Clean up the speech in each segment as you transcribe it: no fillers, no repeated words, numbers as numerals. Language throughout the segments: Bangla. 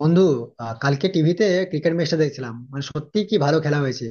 বন্ধু, কালকে টিভিতে ক্রিকেট ম্যাচটা দেখছিলাম, মানে সত্যি কি ভালো খেলা হয়েছে।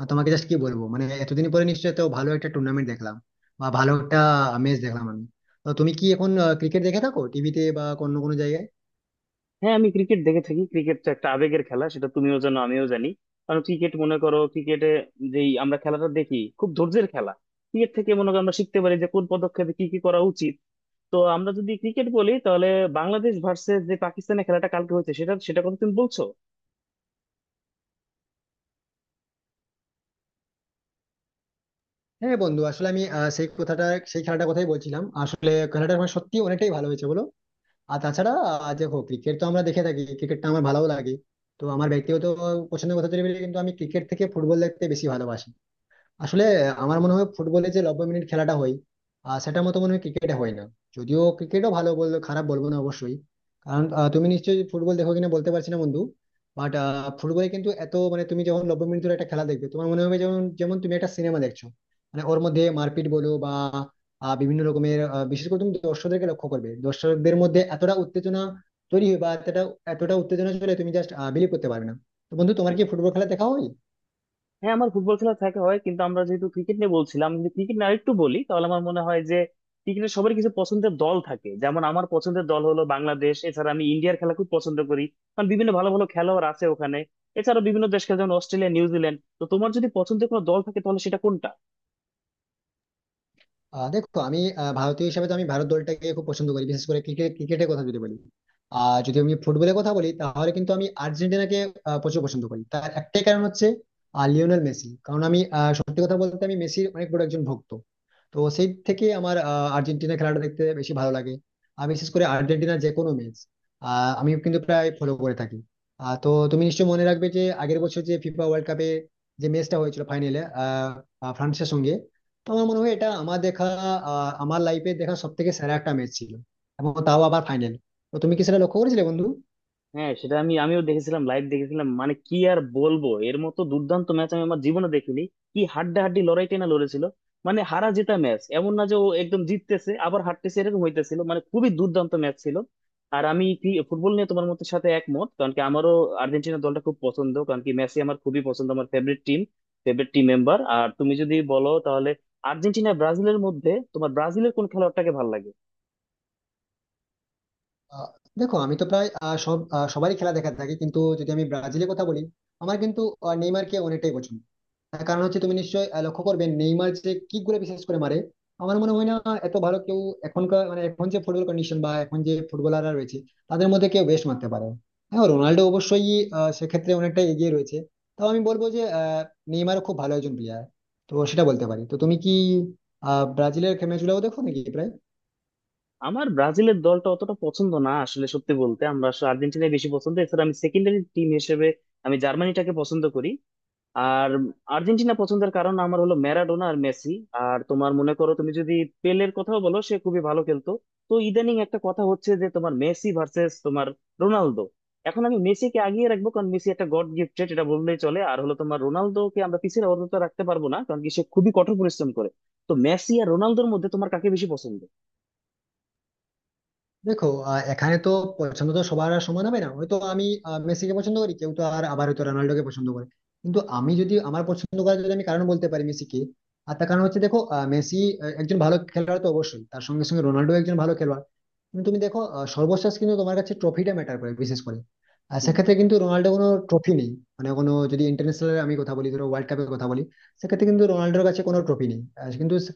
আর তোমাকে জাস্ট কি বলবো, মানে এতদিন পরে নিশ্চয়ই তো ভালো একটা টুর্নামেন্ট দেখলাম বা ভালো একটা ম্যাচ দেখলাম আমি। তো তুমি কি এখন ক্রিকেট দেখে থাকো টিভিতে বা অন্য কোনো জায়গায়? হ্যাঁ, আমি ক্রিকেট দেখে থাকি। ক্রিকেট তো একটা আবেগের খেলা, সেটা তুমিও জানো, আমিও জানি। কারণ ক্রিকেট মনে করো, ক্রিকেটে যেই আমরা খেলাটা দেখি, খুব ধৈর্যের খেলা। ক্রিকেট থেকে মনে করো আমরা শিখতে পারি যে কোন পদক্ষেপে কি কি করা উচিত। তো আমরা যদি ক্রিকেট বলি, তাহলে বাংলাদেশ ভার্সেস যে পাকিস্তানের খেলাটা কালকে হয়েছে, সেটা সেটা কথা তুমি বলছো? হ্যাঁ বন্ধু, আসলে আমি সেই কথাটা, সেই খেলাটার কথাই বলছিলাম। আসলে খেলাটা আমার সত্যি অনেকটাই ভালো হয়েছে বলো। আর তাছাড়া দেখো ক্রিকেট তো আমরা দেখে থাকি, ক্রিকেটটা আমার ভালো লাগে। তো আমার ব্যক্তিগত পছন্দের কথা যদি বলি, কিন্তু আমি ক্রিকেট থেকে ফুটবল দেখতে বেশি ভালোবাসি। আসলে আমার মনে হয় ফুটবলে যে 90 মিনিট খেলাটা হয়, সেটার মতো মনে হয় ক্রিকেটে হয় না। যদিও ক্রিকেটও ভালো, বলবো খারাপ বলবো না অবশ্যই। কারণ তুমি নিশ্চয়ই ফুটবল দেখো কিনা বলতে পারছি না বন্ধু। বাট ফুটবলে কিন্তু এত, মানে তুমি যখন 90 মিনিট ধরে একটা খেলা দেখবে, তোমার মনে হবে যেমন যেমন তুমি একটা সিনেমা দেখছো। মানে ওর মধ্যে মারপিট বলো বা বিভিন্ন রকমের, বিশেষ করে তুমি দর্শকদেরকে লক্ষ্য করবে, দর্শকদের মধ্যে এতটা উত্তেজনা তৈরি হয় বা এতটা এতটা উত্তেজনা চলে, তুমি জাস্ট বিলিভ করতে পারবে না। তো বন্ধু, তোমার কি ফুটবল খেলা দেখা হয়? হ্যাঁ, আমার ফুটবল খেলা দেখা হয়, কিন্তু আমরা যেহেতু ক্রিকেট নিয়ে বলছিলাম, যদি ক্রিকেট নিয়ে আরেকটু বলি তাহলে আমার মনে হয় যে ক্রিকেটের সবার কিছু পছন্দের দল থাকে। যেমন আমার পছন্দের দল হলো বাংলাদেশ, এছাড়া আমি ইন্ডিয়ার খেলা খুব পছন্দ করি, কারণ বিভিন্ন ভালো ভালো খেলোয়াড় আছে ওখানে। এছাড়া বিভিন্ন দেশ খেলে, যেমন অস্ট্রেলিয়া, নিউজিল্যান্ড। তো তোমার যদি পছন্দের কোনো দল থাকে, তাহলে সেটা কোনটা? দেখো আমি ভারতীয় হিসেবে তো আমি ভারত দলটাকে খুব পছন্দ করি, বিশেষ করে ক্রিকেট, ক্রিকেটের কথা যদি বলি। আর যদি আমি ফুটবলের কথা বলি, তাহলে কিন্তু আমি আর্জেন্টিনাকে প্রচুর পছন্দ করি। তার একটাই কারণ হচ্ছে লিওনেল মেসি। কারণ আমি সত্যি কথা বলতে, আমি মেসির অনেক বড় একজন ভক্ত। তো সেই থেকে আমার আর্জেন্টিনা খেলাটা দেখতে বেশি ভালো লাগে। আর বিশেষ করে আর্জেন্টিনার যে কোনো ম্যাচ আমি কিন্তু প্রায় ফলো করে থাকি। তো তুমি নিশ্চয়ই মনে রাখবে যে আগের বছর যে ফিফা ওয়ার্ল্ড কাপে যে ম্যাচটা হয়েছিল ফাইনালে ফ্রান্সের সঙ্গে, তো আমার মনে হয় এটা আমার দেখা, আমার লাইফে দেখা সব থেকে সেরা একটা ম্যাচ ছিল, এবং তাও আবার ফাইনাল। তো তুমি কি সেটা লক্ষ্য করেছিলে বন্ধু? হ্যাঁ, সেটা আমিও দেখেছিলাম, লাইভ দেখেছিলাম। মানে কি আর বলবো, এর মতো দুর্দান্ত ম্যাচ আমি আমার জীবনে দেখিনি। কি হাড্ডাহাড্ডি লড়াই টেনা লড়েছিল, মানে হারা জেতা ম্যাচ, এমন না যে ও একদম জিততেছে, আবার হারতেছে, এরকম হইতেছিল। মানে খুবই দুর্দান্ত ম্যাচ ছিল। আর আমি কি ফুটবল নিয়ে তোমার মতের সাথে একমত, কারণ কি আমারও আর্জেন্টিনা দলটা খুব পছন্দ, কারণ কি মেসি আমার খুবই পছন্দ, আমার favourite team, favourite team member. আর তুমি যদি বলো তাহলে আর্জেন্টিনা, ব্রাজিলের মধ্যে, তোমার ব্রাজিলের কোন খেলোয়াড়টাকে ভালো লাগে? আহ, দেখো আমি তো প্রায় সবারই খেলা দেখা থাকি, কিন্তু যদি আমি ব্রাজিলের কথা বলি, আমার কিন্তু নেইমারকে অনেকটাই পছন্দ। তার কারণ হচ্ছে তুমি নিশ্চয়ই লক্ষ্য করবে নেইমার যে কিক গুলো বিশেষ করে মারে, আমার মনে হয় না এত ভালো কেউ, এখনকার মানে এখন যে ফুটবল কন্ডিশন বা এখন যে ফুটবলাররা রয়েছে তাদের মধ্যে কেউ বেস্ট মারতে পারে। হ্যাঁ রোনাল্ডো অবশ্যই সেক্ষেত্রে অনেকটা এগিয়ে রয়েছে। তাও আমি বলবো যে নেইমারও খুব ভালো একজন প্লেয়ার, তো সেটা বলতে পারি। তো তুমি কি ব্রাজিলের ম্যাচগুলো দেখো নাকি প্রায়? আমার ব্রাজিলের দলটা অতটা পছন্দ না, আসলে সত্যি বলতে আমরা আসলে আর্জেন্টিনাই বেশি পছন্দ। এছাড়া আমি সেকেন্ডারি টিম হিসেবে আমি জার্মানিটাকে পছন্দ করি। আর আর্জেন্টিনা পছন্দের কারণ আমার হলো ম্যারাডোনা আর মেসি। আর তোমার মনে করো, তুমি যদি পেলের কথাও বলো, সে খুবই ভালো খেলতো। তো ইদানিং একটা কথা হচ্ছে যে তোমার মেসি ভার্সেস তোমার রোনালদো। এখন আমি মেসিকে আগিয়ে রাখবো, কারণ মেসি একটা গড গিফটেড, এটা বললেই চলে। আর হলো তোমার রোনালদোকে আমরা পিছিয়ে অন্তত রাখতে পারবো না, কারণ কি সে খুবই কঠোর পরিশ্রম করে। তো মেসি আর রোনালদোর মধ্যে তোমার কাকে বেশি পছন্দ? দেখো এখানে তো পছন্দ তো সবার আর সমান হবে না। হয়তো আমি মেসিকে পছন্দ করি, কেউ তো আর আবার হয়তো রোনাল্ডোকে পছন্দ করে। কিন্তু আমি যদি আমার পছন্দ করার যদি আমি কারণ বলতে পারি মেসিকে, আর তার কারণ হচ্ছে দেখো মেসি একজন ভালো খেলোয়াড় তো অবশ্যই, তার সঙ্গে সঙ্গে রোনাল্ডো একজন ভালো খেলোয়াড়। কিন্তু তুমি দেখো সর্বশেষ কিন্তু তোমার কাছে ট্রফিটা ম্যাটার করে বিশেষ করে, আর হুম। সেক্ষেত্রে কিন্তু রোনাল্ডো কোনো ট্রফি নেই। মানে কোনো যদি ইন্টারন্যাশনাল আমি কথা বলি, ধরো ওয়ার্ল্ড কাপের কথা বলি, সেক্ষেত্রে কিন্তু রোনাল্ডোর কাছে কোনো ট্রফি নেই, আর কিন্তু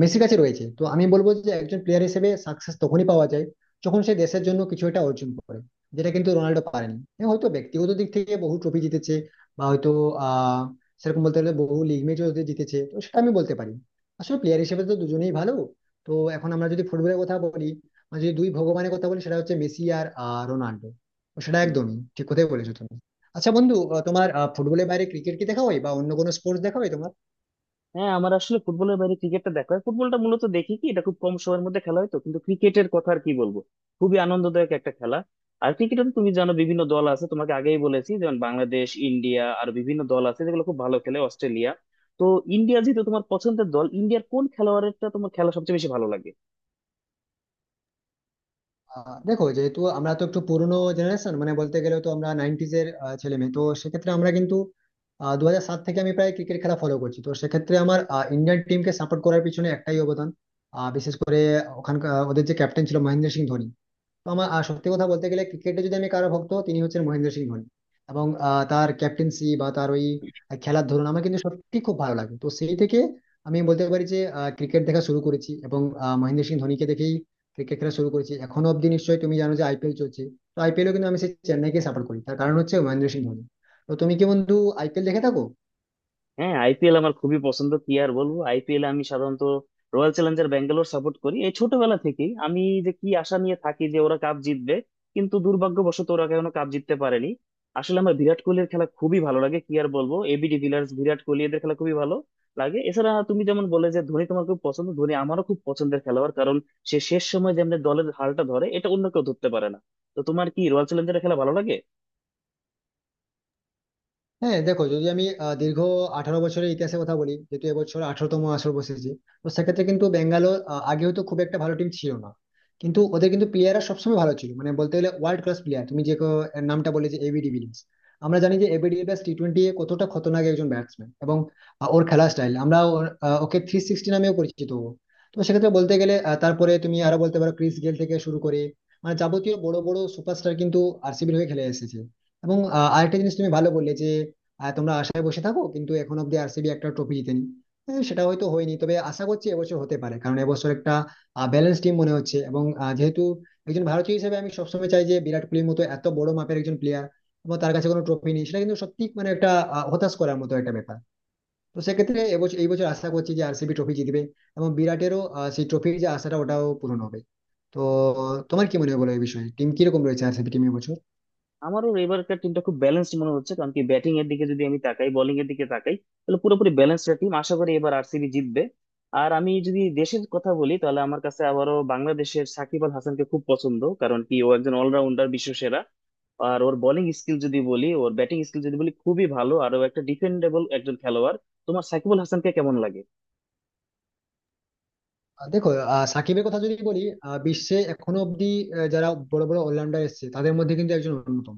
মেসির কাছে রয়েছে। তো আমি বলবো যে একজন প্লেয়ার হিসেবে সাকসেস তখনই পাওয়া যায় যখন সে দেশের জন্য কিছু একটা অর্জন করে, যেটা কিন্তু রোনাল্ডো পারেনি। হ্যাঁ, হয়তো ব্যক্তিগত দিক থেকে বহু ট্রফি জিতেছে, বা হয়তো আহ সেরকম বলতে গেলে বহু লিগ ম্যাচও জিতেছে, তো সেটা আমি বলতে পারি। আসলে প্লেয়ার হিসেবে তো দুজনেই ভালো। তো এখন আমরা যদি ফুটবলের কথা বলি, আর যদি দুই ভগবানের কথা বলি, সেটা হচ্ছে মেসি আর রোনাল্ডো। তো সেটা হুম। একদমই ঠিক কথাই বলেছো তুমি। আচ্ছা বন্ধু, তোমার ফুটবলের বাইরে ক্রিকেট কি দেখা হয় বা অন্য কোনো স্পোর্টস দেখা হয় তোমার? হ্যাঁ, আমার আসলে ফুটবলের বাইরে ক্রিকেটটা দেখা হয়। ফুটবলটা মূলত দেখি কি, এটা খুব কম সময়ের মধ্যে খেলা হয়। তো কিন্তু ক্রিকেটের কথা আর কি বলবো, খুবই আনন্দদায়ক একটা খেলা। আর ক্রিকেটে তো তুমি জানো বিভিন্ন দল আছে, তোমাকে আগেই বলেছি, যেমন বাংলাদেশ, ইন্ডিয়া। আর বিভিন্ন দল আছে যেগুলো খুব ভালো খেলে, অস্ট্রেলিয়া। তো ইন্ডিয়া যেহেতু তোমার পছন্দের দল, ইন্ডিয়ার কোন খেলোয়াড়টা তোমার খেলা সবচেয়ে বেশি ভালো লাগে? দেখো যেহেতু আমরা তো একটু পুরনো জেনারেশন, মানে বলতে গেলে তো আমরা নাইনটিজ এর ছেলে মেয়ে, তো সেক্ষেত্রে আমরা কিন্তু 2007 থেকে আমি প্রায় ক্রিকেট খেলা ফলো করছি। তো সেক্ষেত্রে আমার ইন্ডিয়ান টিমকে সাপোর্ট করার পিছনে একটাই অবদান, বিশেষ করে ওখানকার ওদের যে ক্যাপ্টেন ছিল মহেন্দ্র সিং ধোনি। তো আমার সত্যি কথা বলতে গেলে ক্রিকেটে যদি আমি কারো ভক্ত, তিনি হচ্ছেন মহেন্দ্র সিং ধোনি। এবং তার ক্যাপ্টেন্সি বা তার ওই খেলার ধরন আমার কিন্তু সত্যি খুব ভালো লাগে। তো সেই থেকে আমি বলতে পারি যে ক্রিকেট দেখা শুরু করেছি এবং মহেন্দ্র সিং ধোনিকে দেখেই ক্রিকেট খেলা শুরু করেছি। এখনো অব্দি নিশ্চয়ই তুমি জানো যে আইপিএল চলছে, তো আইপিএলও কিন্তু আমি সেই চেন্নাইকে সাপোর্ট করি, তার কারণ হচ্ছে মহেন্দ্র সিং ধোনি। তো তুমি কি বন্ধু আইপিএল দেখে থাকো? হ্যাঁ, আইপিএল আমার খুবই পছন্দ। কি আর বলবো, আইপিএল আমি সাধারণত রয়্যাল চ্যালেঞ্জার ব্যাঙ্গালোর সাপোর্ট করি। এই ছোটবেলা থেকেই আমি যে কি আশা নিয়ে থাকি যে ওরা কাপ জিতবে, কিন্তু দুর্ভাগ্যবশত ওরা এখনো কাপ জিততে পারেনি। আসলে আমার বিরাট কোহলির খেলা খুবই ভালো লাগে। কি আর বলবো, এবি ডিভিলিয়ার্স, বিরাট কোহলি, এদের খেলা খুবই ভালো লাগে। এছাড়া তুমি যেমন বলে যে ধোনি তোমার খুব পছন্দ, ধোনি আমারও খুব পছন্দের খেলোয়াড়, কারণ সে শেষ সময় যেমন দলের হালটা ধরে, এটা অন্য কেউ ধরতে পারে না। তো তোমার কি রয়্যাল চ্যালেঞ্জার্সের খেলা ভালো লাগে? হ্যাঁ দেখো, যদি আমি দীর্ঘ 18 বছরের ইতিহাসের কথা বলি, যেহেতু এবছর 18তম আসর বসেছে, তো সেক্ষেত্রে কিন্তু বেঙ্গালোর আগে হয়তো খুব একটা ভালো টিম ছিল না, কিন্তু ওদের কিন্তু প্লেয়াররা সবসময় ভালো ছিল। মানে বলতে গেলে ওয়ার্ল্ড ক্লাস প্লেয়ার, তুমি যে এর নামটা বলে যে এবি ডিভিলিয়ার্স, আমরা জানি যে এবি ডিভিলিয়ার্স টি20 এ কতটা খতরনাক একজন ব্যাটসম্যান। এবং ওর খেলার স্টাইল, আমরা ওকে 360 নামেও পরিচিত ও। তো সেক্ষেত্রে বলতে গেলে তারপরে তুমি আরো বলতে পারো ক্রিস গেল থেকে শুরু করে, মানে যাবতীয় বড় বড় সুপারস্টার কিন্তু আরসিবির হয়ে খেলে এসেছে। এবং আরেকটা জিনিস তুমি ভালো বললে যে আর তোমরা আশায় বসে থাকো, কিন্তু এখন অব্দি আরসিবি একটা ট্রফি জিতেনি। হ্যাঁ, সেটা হয়তো হয়নি, তবে আশা করছি এবছর হতে পারে, কারণ এবছর একটা ব্যালেন্স টিম মনে হচ্ছে। এবং যেহেতু একজন ভারতীয় হিসেবে আমি সবসময় চাই যে বিরাট কোহলির মতো এত বড় মাপের একজন প্লেয়ার, এবং তার কাছে কোনো ট্রফি নেই, সেটা কিন্তু সত্যি মানে একটা হতাশ করার মতো একটা ব্যাপার। তো সেক্ষেত্রে এবছর, এই বছর আশা করছি যে আরসিবি ট্রফি জিতবে এবং বিরাটেরও সেই ট্রফির যে আশাটা ওটাও পূরণ হবে। তো তোমার কি মনে হয় বলো এই বিষয়ে, টিম কিরকম রয়েছে আরসিবি টিম এবছর? আমারও এবারকার টিমটা খুব ব্যালেন্সড মনে হচ্ছে, কারণ কি ব্যাটিং এর দিকে যদি আমি তাকাই, বোলিং এর দিকে তাকাই, তাহলে পুরোপুরি ব্যালেন্সড টিম। আশা করি এবার আরসিবি জিতবে। আর আমি যদি দেশের কথা বলি, তাহলে আমার কাছে আবারও বাংলাদেশের সাকিব আল হাসানকে খুব পছন্দ, কারণ কি ও একজন অলরাউন্ডার, বিশ্বসেরা। আর ওর বোলিং স্কিল যদি বলি, ওর ব্যাটিং স্কিল যদি বলি, খুবই ভালো। আর ও একটা ডিফেন্ডেবল একজন খেলোয়াড়। তোমার সাকিব আল হাসানকে কেমন লাগে? দেখো, সাকিবের কথা যদি বলি, বিশ্বে এখনো অব্দি যারা বড় বড় অলরাউন্ডার এসেছে তাদের মধ্যে কিন্তু একজন অন্যতম।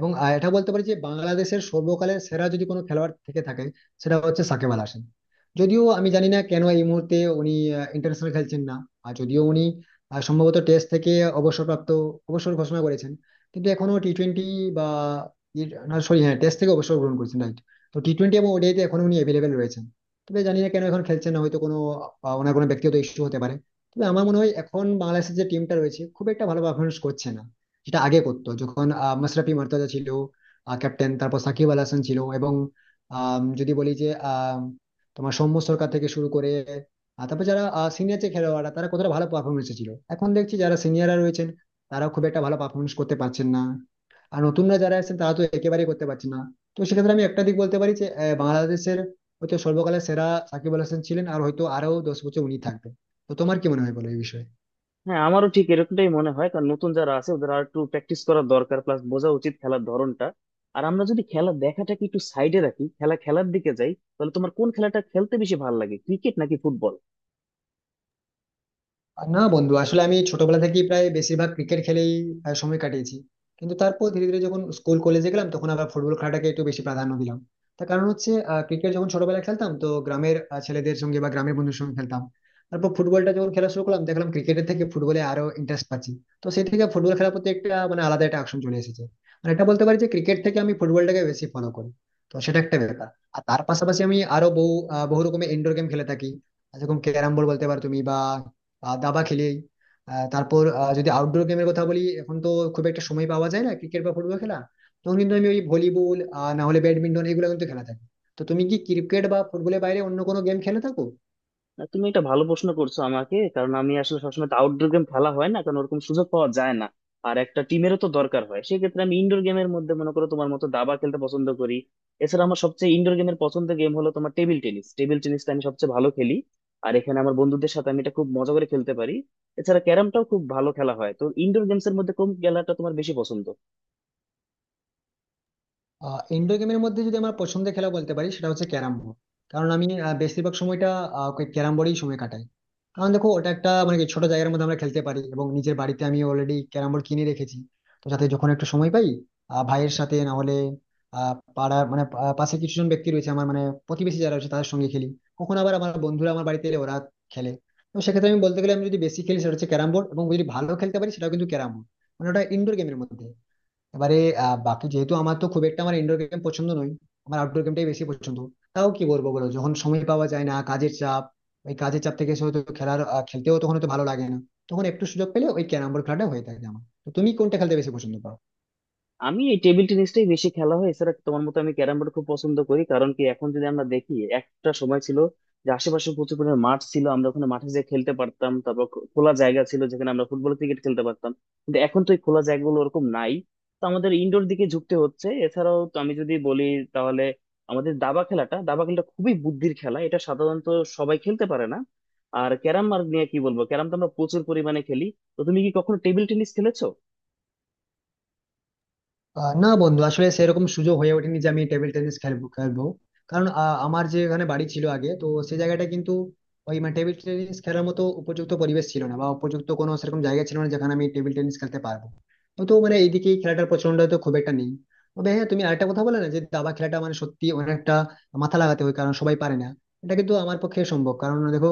এবং এটা বলতে পারি যে বাংলাদেশের সর্বকালের সেরা যদি কোনো খেলোয়াড় থেকে থাকে, সেটা হচ্ছে সাকিব আল হাসান। যদিও আমি জানি না কেন এই মুহূর্তে উনি ইন্টারন্যাশনাল খেলছেন না। আর যদিও উনি সম্ভবত টেস্ট থেকে অবসরপ্রাপ্ত, অবসর ঘোষণা করেছেন, কিন্তু এখনো টি20 বা, সরি, হ্যাঁ টেস্ট থেকে অবসর গ্রহণ করেছেন রাইট। তো টি20 এবং ওডিআইতে এখন উনি অ্যাভেলেবেল রয়েছেন। তবে জানি না কেন এখন খেলছেন না, হয়তো কোনো ওনার কোনো ব্যক্তিগত ইস্যু হতে পারে। তবে আমার মনে হয় এখন বাংলাদেশের যে টিমটা রয়েছে খুব একটা ভালো পারফরমেন্স করছে না, যেটা আগে করতো যখন মাশরাফি মুর্তজা ছিল ক্যাপ্টেন, তারপর সাকিব আল হাসান ছিল এবং আম, যদি বলি যে আম, তোমার সৌম্য সরকার থেকে শুরু করে তারপর যারা সিনিয়র যে খেলোয়াড়রা, তারা কতটা ভালো পারফরমেন্স ছিল। এখন দেখছি যারা সিনিয়ররা রয়েছেন তারা খুব একটা ভালো পারফরমেন্স করতে পারছেন না, আর নতুনরা যারা আছেন তারা তো একেবারেই করতে পারছে না। তো সেক্ষেত্রে আমি একটা দিক বলতে পারি যে বাংলাদেশের হয়তো সর্বকালের সেরা সাকিব আল হাসান ছিলেন, আর হয়তো আরো 10 বছর উনি থাকবেন। তো তোমার কি মনে হয় বলো এই বিষয়ে? হ্যাঁ, আমারও ঠিক এরকমটাই মনে হয়, কারণ নতুন যারা আছে ওদের আর একটু প্র্যাকটিস করার দরকার, প্লাস বোঝা উচিত খেলার ধরনটা। আর আমরা যদি খেলা দেখাটাকে একটু সাইডে রাখি, খেলা খেলার দিকে যাই, তাহলে তোমার কোন খেলাটা খেলতে বেশি ভালো লাগে, ক্রিকেট নাকি ফুটবল? আর না বন্ধু, আসলে আমি ছোটবেলা থেকেই প্রায় বেশিরভাগ ক্রিকেট খেলেই সময় কাটিয়েছি। কিন্তু তারপর ধীরে ধীরে যখন স্কুল কলেজে গেলাম, তখন আবার ফুটবল খেলাটাকে একটু বেশি প্রাধান্য দিলাম। তার কারণ হচ্ছে ক্রিকেট যখন ছোটবেলায় খেলতাম, তো গ্রামের ছেলেদের সঙ্গে বা গ্রামের বন্ধুদের সঙ্গে খেলতাম। তারপর ফুটবলটা যখন খেলা শুরু করলাম, দেখলাম ক্রিকেটের থেকে ফুটবলে আরো ইন্টারেস্ট পাচ্ছি। তো সেই থেকে ফুটবল খেলার প্রতি একটা মানে আলাদা একটা আকর্ষণ চলে এসেছে। মানে এটা বলতে পারি যে ক্রিকেট থেকে আমি ফুটবলটাকে বেশি ফলো করি, তো সেটা একটা ব্যাপার। আর তার পাশাপাশি আমি আরো বহু বহু রকমের ইনডোর গেম খেলে থাকি, যেরকম ক্যারাম বোর্ড বলতে পারো তুমি, বা দাবা খেলি। আহ, তারপর আহ, যদি আউটডোর গেমের কথা বলি, এখন তো খুব একটা সময় পাওয়া যায় না ক্রিকেট বা ফুটবল খেলা, তখন কিন্তু আমি ওই ভলিবল না হলে ব্যাডমিন্টন, এগুলো কিন্তু খেলা থাকি। তো তুমি কি ক্রিকেট বা ফুটবলের বাইরে অন্য কোনো গেম খেলে থাকো? না, তুমি এটা ভালো প্রশ্ন করছো আমাকে, কারণ আমি আসলে সবসময় তো আউটডোর গেম খেলা হয় না, কারণ ওরকম সুযোগ পাওয়া যায় না। আর একটা টিমেরও তো দরকার হয়। সেক্ষেত্রে আমি ইনডোর গেমের মধ্যে মনে করো, তোমার মতো দাবা খেলতে পছন্দ করি। এছাড়া আমার সবচেয়ে ইনডোর গেমের পছন্দের গেম হলো তোমার টেবিল টেনিস। টেবিল টেনিসটা আমি সবচেয়ে ভালো খেলি, আর এখানে আমার বন্ধুদের সাথে আমি এটা খুব মজা করে খেলতে পারি। এছাড়া ক্যারামটাও খুব ভালো খেলা হয়। তো ইনডোর গেমস এর মধ্যে কোন খেলাটা তোমার বেশি পছন্দ? ইনডোর গেমের মধ্যে যদি আমার পছন্দের খেলা বলতে পারি, সেটা হচ্ছে ক্যারাম বোর্ড। কারণ আমি বেশিরভাগ সময়টা ক্যারাম বোর্ডেই সময় কাটাই। কারণ দেখো ওটা একটা মানে কি ছোট জায়গার মধ্যে আমরা খেলতে পারি, এবং নিজের বাড়িতে আমি অলরেডি ক্যারাম বোর্ড কিনে রেখেছি। তো যাতে যখন একটু সময় পাই, ভাইয়ের সাথে না হলে আহ পাড়ার মানে পাশে কিছু জন ব্যক্তি রয়েছে আমার, মানে প্রতিবেশী যারা রয়েছে তাদের সঙ্গে খেলি। কখন আবার আমার বন্ধুরা আমার বাড়িতে এলে ওরা খেলে। তো সেক্ষেত্রে আমি বলতে গেলে আমি যদি বেশি খেলি সেটা হচ্ছে ক্যারাম বোর্ড, এবং যদি ভালো খেলতে পারি সেটাও কিন্তু ক্যারাম বোর্ড, মানে ওটা ইনডোর গেমের মধ্যে। এবারে বাকি যেহেতু আমার তো খুব একটা আমার ইনডোর গেম পছন্দ নয়, আমার আউটডোর গেমটাই বেশি পছন্দ। তাও কি বলবো বলো, যখন সময় পাওয়া যায় না, কাজের চাপ, ওই কাজের চাপ থেকে এসে হয়তো খেলার খেলতেও তখন হয়তো ভালো লাগে না। তখন একটু সুযোগ পেলে ওই ক্যারাম বোর্ড খেলাটা হয়ে থাকে আমার। তো তুমি কোনটা খেলতে বেশি পছন্দ পাও? আমি এই টেবিল টেনিসটাই বেশি খেলা হয়। এছাড়া তোমার মতো আমি ক্যারাম বোর্ড খুব পছন্দ করি, কারণ কি এখন যদি আমরা দেখি, একটা সময় ছিল যে আশেপাশে প্রচুর পরিমাণে মাঠ ছিল, আমরা ওখানে মাঠে যেয়ে খেলতে পারতাম। তারপর খোলা জায়গা ছিল যেখানে আমরা ফুটবল, ক্রিকেট খেলতে পারতাম, কিন্তু এখন তো এই খোলা জায়গাগুলো ওরকম নাই। তো আমাদের ইনডোর দিকে ঝুঁকতে হচ্ছে। এছাড়াও তো আমি যদি বলি তাহলে আমাদের দাবা খেলাটা, দাবা খেলাটা খুবই বুদ্ধির খেলা, এটা সাধারণত সবাই খেলতে পারে না। আর ক্যারাম আর নিয়ে কি বলবো, ক্যারাম তো আমরা প্রচুর পরিমাণে খেলি। তো তুমি কি কখনো টেবিল টেনিস খেলেছো? না বন্ধু, আসলে সেরকম সুযোগ হয়ে ওঠেনি যে আমি টেবিল টেনিস খেলবো খেলবো কারণ আমার যে এখানে বাড়ি ছিল আগে, তো সেই জায়গাটা কিন্তু ওই মানে টেবিল টেনিস খেলার মতো উপযুক্ত পরিবেশ ছিল না, বা উপযুক্ত কোনো সেরকম জায়গা ছিল না যেখানে আমি টেবিল টেনিস খেলতে পারবো। তো তো মানে এইদিকে এই খেলাটার প্রচলনটা তো খুব একটা নেই। তবে হ্যাঁ, তুমি আরেকটা কথা বলে না যে দাবা খেলাটা, মানে সত্যি অনেকটা মাথা লাগাতে হয়, কারণ সবাই পারে না। এটা কিন্তু আমার পক্ষে সম্ভব, কারণ দেখো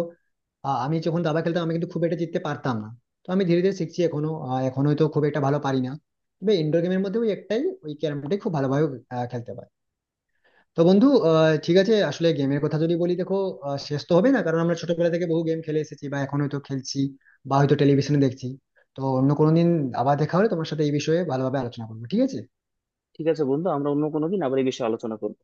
আমি যখন দাবা খেলতাম আমি কিন্তু খুব একটা জিততে পারতাম না। তো আমি ধীরে ধীরে শিখছি, এখনো এখনো তো খুব একটা ভালো পারি না। তবে ইনডোর গেমের মধ্যে ওই একটাই, ওই ক্যারামটাই খুব ভালোভাবে খেলতে পারি। তো বন্ধু, ঠিক আছে, আসলে গেমের কথা যদি বলি দেখো শেষ তো হবে না, কারণ আমরা ছোটবেলা থেকে বহু গেম খেলে এসেছি, বা এখন হয়তো খেলছি, বা হয়তো টেলিভিশনে দেখছি। তো অন্য কোনো দিন আবার দেখা হলে তোমার সাথে এই বিষয়ে ভালোভাবে আলোচনা করবো, ঠিক আছে? ঠিক আছে বন্ধু, আমরা অন্য কোনো দিন আবার এই বিষয়ে আলোচনা করবো।